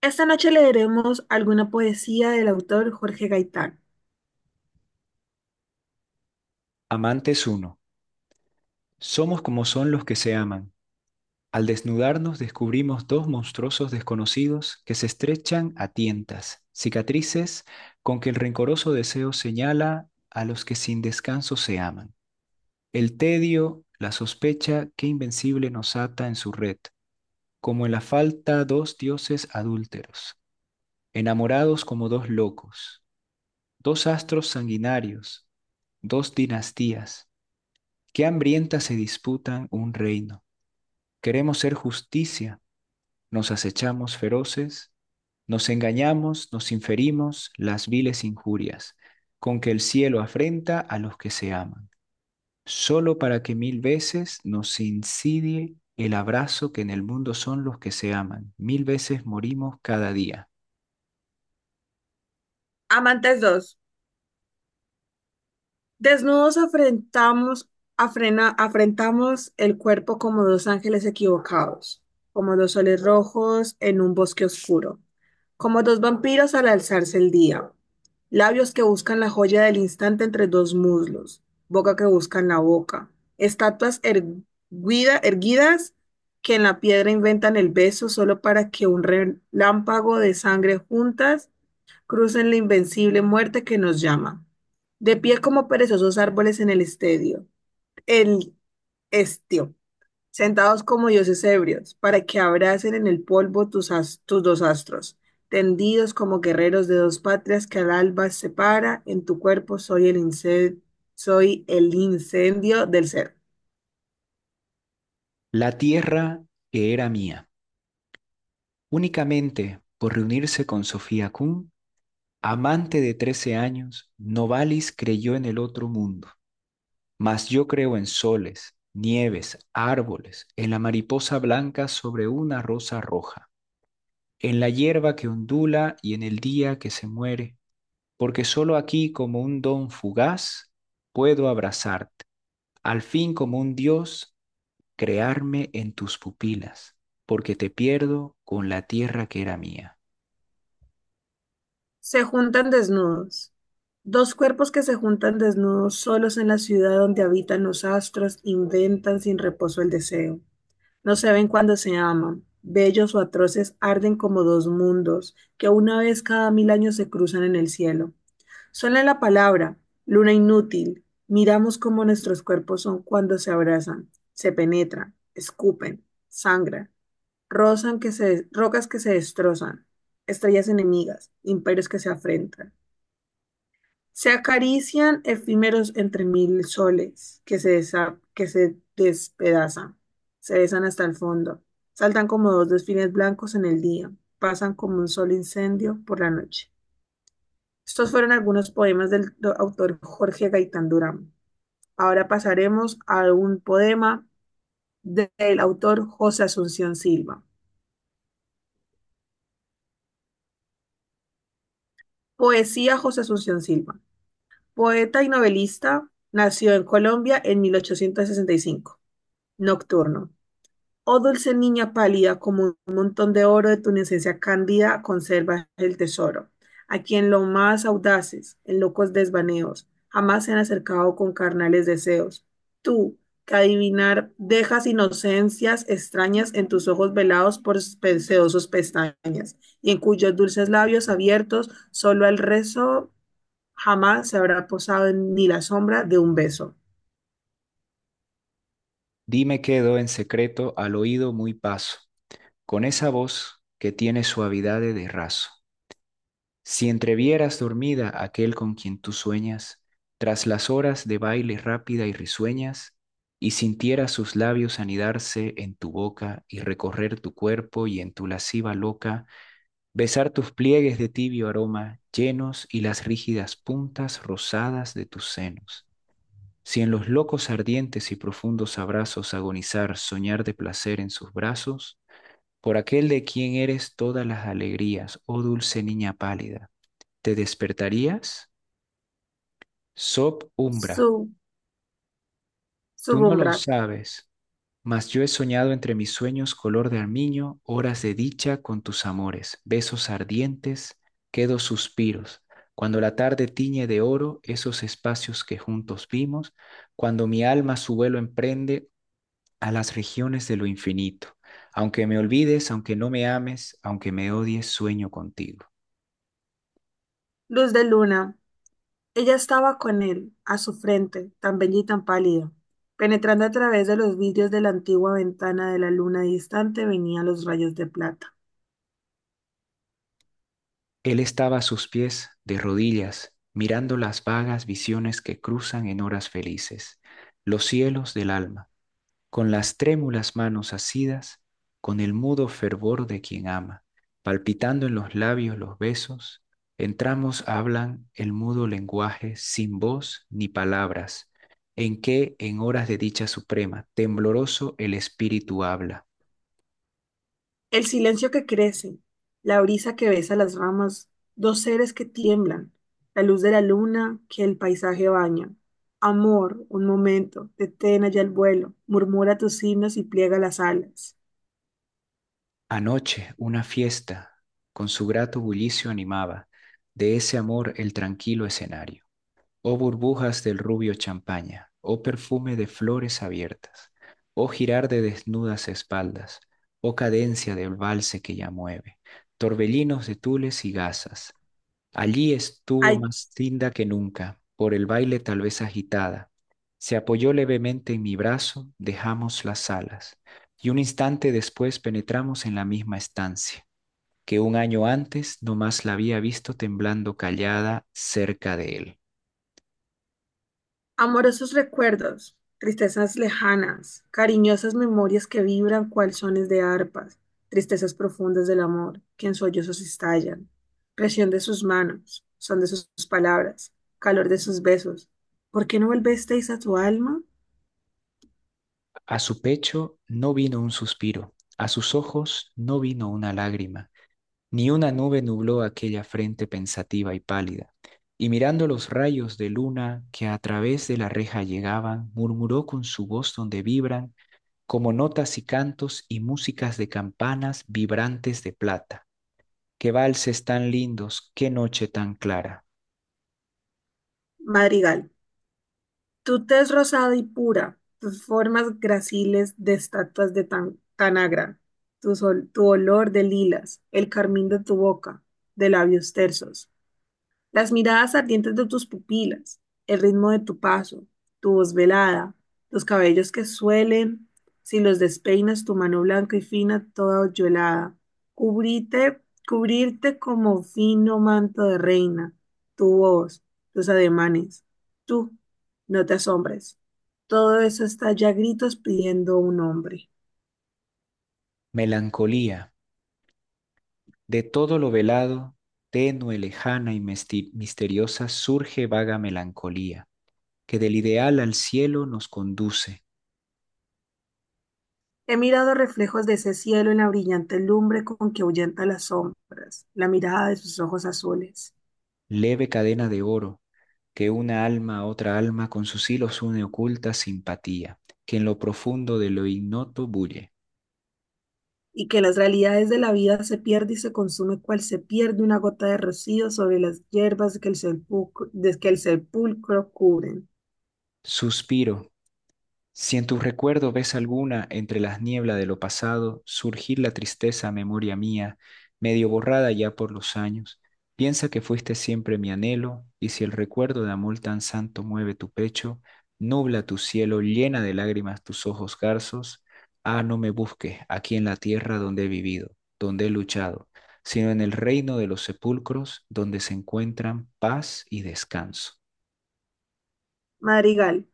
Esta noche leeremos alguna poesía del autor Jorge Gaitán. Amantes uno, somos como son los que se aman. Al desnudarnos descubrimos dos monstruosos desconocidos que se estrechan a tientas, cicatrices con que el rencoroso deseo señala a los que sin descanso se aman. El tedio, la sospecha que invencible nos ata en su red, como en la falta dos dioses adúlteros, enamorados como dos locos, dos astros sanguinarios, dos dinastías, que hambrientas se disputan un reino. Queremos ser justicia, nos acechamos feroces, nos engañamos, nos inferimos las viles injurias, con que el cielo afrenta a los que se aman, solo para que mil veces nos insidie el abrazo que en el mundo son los que se aman. Mil veces morimos cada día. Amantes 2. Desnudos afrentamos, afrentamos el cuerpo como dos ángeles equivocados, como dos soles rojos en un bosque oscuro, como dos vampiros al alzarse el día, labios que buscan la joya del instante entre dos muslos, boca que buscan la boca, erguidas que en la piedra inventan el beso solo para que un relámpago de sangre juntas crucen la invencible muerte que nos llama. De pie como perezosos árboles en el estadio, el estio, sentados como dioses ebrios, para que abracen en el polvo tus dos astros, tendidos como guerreros de dos patrias que al alba separa, en tu cuerpo soy el incendio del ser. La tierra que era mía, únicamente por reunirse con Sofía Kuhn, amante de 13 años, Novalis creyó en el otro mundo. Mas yo creo en soles, nieves, árboles, en la mariposa blanca sobre una rosa roja, en la hierba que ondula y en el día que se muere, porque solo aquí como un don fugaz puedo abrazarte, al fin como un dios crearme en tus pupilas, porque te pierdo con la tierra que era mía. Se juntan desnudos. Dos cuerpos que se juntan desnudos solos en la ciudad donde habitan los astros, inventan sin reposo el deseo. No se ven cuando se aman. Bellos o atroces arden como dos mundos que una vez cada mil años se cruzan en el cielo. Suena la palabra, luna inútil. Miramos cómo nuestros cuerpos son cuando se abrazan, se penetran, escupen, sangran, rocas que se destrozan, estrellas enemigas, imperios que se afrentan. Se acarician efímeros entre mil soles que se despedazan, se besan hasta el fondo, saltan como dos desfiles blancos en el día, pasan como un solo incendio por la noche. Estos fueron algunos poemas del autor Jorge Gaitán Durán. Ahora pasaremos a un poema del autor José Asunción Silva. Poesía José Asunción Silva. Poeta y novelista, nació en Colombia en 1865. Nocturno. Oh dulce niña pálida, como un montón de oro de tu inocencia cándida, conservas el tesoro. A quien lo más audaces, en locos desvaneos, jamás se han acercado con carnales deseos. Tú, que adivinar dejas inocencias extrañas en tus ojos velados por sedosos pestañas, y en cuyos dulces labios abiertos solo el rezo jamás se habrá posado en ni la sombra de un beso. Dime quedo en secreto al oído muy paso, con esa voz que tiene suavidad de raso. Si entrevieras dormida aquel con quien tú sueñas, tras las horas de baile rápida y risueñas, y sintieras sus labios anidarse en tu boca y recorrer tu cuerpo y en tu lasciva loca, besar tus pliegues de tibio aroma llenos y las rígidas puntas rosadas de tus senos. Si en los locos ardientes y profundos abrazos agonizar, soñar de placer en sus brazos, por aquel de quien eres todas las alegrías, oh dulce niña pálida, te despertarías sob umbra. Su, Tú no lo Subumbra, sabes, mas yo he soñado entre mis sueños color de armiño, horas de dicha con tus amores, besos ardientes, quedo suspiros. Cuando la tarde tiñe de oro esos espacios que juntos vimos, cuando mi alma su vuelo emprende a las regiones de lo infinito. Aunque me olvides, aunque no me ames, aunque me odies, sueño contigo. luz de luna. Ella estaba con él, a su frente, tan bella y tan pálida. Penetrando a través de los vidrios de la antigua ventana de la luna distante venían los rayos de plata. Él estaba a sus pies, de rodillas, mirando las vagas visiones que cruzan en horas felices, los cielos del alma, con las trémulas manos asidas, con el mudo fervor de quien ama, palpitando en los labios los besos, entramos hablan el mudo lenguaje sin voz ni palabras, en que en horas de dicha suprema, tembloroso el espíritu habla. El silencio que crece, la brisa que besa las ramas, dos seres que tiemblan, la luz de la luna que el paisaje baña. Amor, un momento, detén allá el vuelo, murmura tus himnos y pliega las alas. Anoche una fiesta con su grato bullicio animaba de ese amor el tranquilo escenario. Oh burbujas del rubio champaña, oh perfume de flores abiertas, oh girar de desnudas espaldas, oh cadencia del valse que ya mueve, torbellinos de tules y gasas. Allí estuvo Hay más tinda que nunca, por el baile tal vez agitada. Se apoyó levemente en mi brazo, dejamos las salas, y un instante después penetramos en la misma estancia, que un año antes no más la había visto temblando callada cerca de él. amorosos recuerdos, tristezas lejanas, cariñosas memorias que vibran cual sones de arpas, tristezas profundas del amor, que en sollozos estallan, presión de sus manos, son de sus palabras, calor de sus besos. ¿Por qué no volvisteis a tu alma? A su pecho no vino un suspiro, a sus ojos no vino una lágrima. Ni una nube nubló aquella frente pensativa y pálida, y mirando los rayos de luna que a través de la reja llegaban, murmuró con su voz donde vibran como notas y cantos y músicas de campanas vibrantes de plata. Qué valses tan lindos, qué noche tan clara. Madrigal, tu tez rosada y pura, tus formas graciles de estatuas de tan Tanagra, tu olor de lilas, el carmín de tu boca, de labios tersos. Las miradas ardientes de tus pupilas, el ritmo de tu paso, tu voz velada, los cabellos que suelen, si los despeinas, tu mano blanca y fina, toda hoyuelada, cubrirte, cubrirte como fino manto de reina, tu voz, tus ademanes, tú, no te asombres. Todo eso está ya a gritos pidiendo un hombre. Melancolía, de todo lo velado, tenue, lejana y misteriosa, surge vaga melancolía, que del ideal al cielo nos conduce, He mirado reflejos de ese cielo en la brillante lumbre con que ahuyenta las sombras, la mirada de sus ojos azules. leve cadena de oro que una alma a otra alma con sus hilos une oculta simpatía, que en lo profundo de lo ignoto bulle. Y que las realidades de la vida se pierde y se consume cual se pierde una gota de rocío sobre las hierbas que de que el sepulcro cubren. Suspiro. Si en tu recuerdo ves alguna entre las nieblas de lo pasado surgir la tristeza memoria mía, medio borrada ya por los años, piensa que fuiste siempre mi anhelo, y si el recuerdo de amor tan santo mueve tu pecho, nubla tu cielo, llena de lágrimas tus ojos garzos, ah, no me busques aquí en la tierra donde he vivido, donde he luchado, sino en el reino de los sepulcros, donde se encuentran paz y descanso. Madrigal.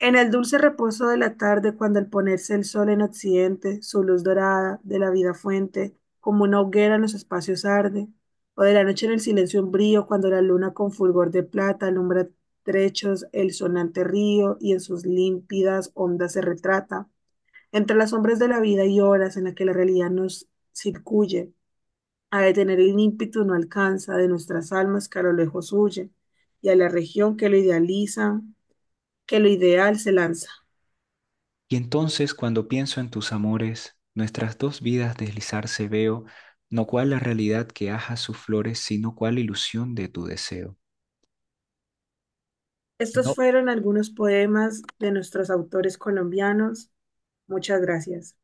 En el dulce reposo de la tarde, cuando al ponerse el sol en occidente, su luz dorada de la vida fuente, como una hoguera en los espacios arde, o de la noche en el silencio umbrío, cuando la luna con fulgor de plata alumbra trechos el sonante río y en sus límpidas ondas se retrata. Entre las sombras de la vida y horas en las que la realidad nos circuye, a detener el ímpetu no alcanza de nuestras almas que a lo lejos huye, y a la región que lo idealiza, que lo ideal se lanza. Y entonces cuando pienso en tus amores, nuestras dos vidas deslizarse veo, no cual la realidad que aja sus flores, sino cual ilusión de tu deseo. Estos No. fueron algunos poemas de nuestros autores colombianos. Muchas gracias.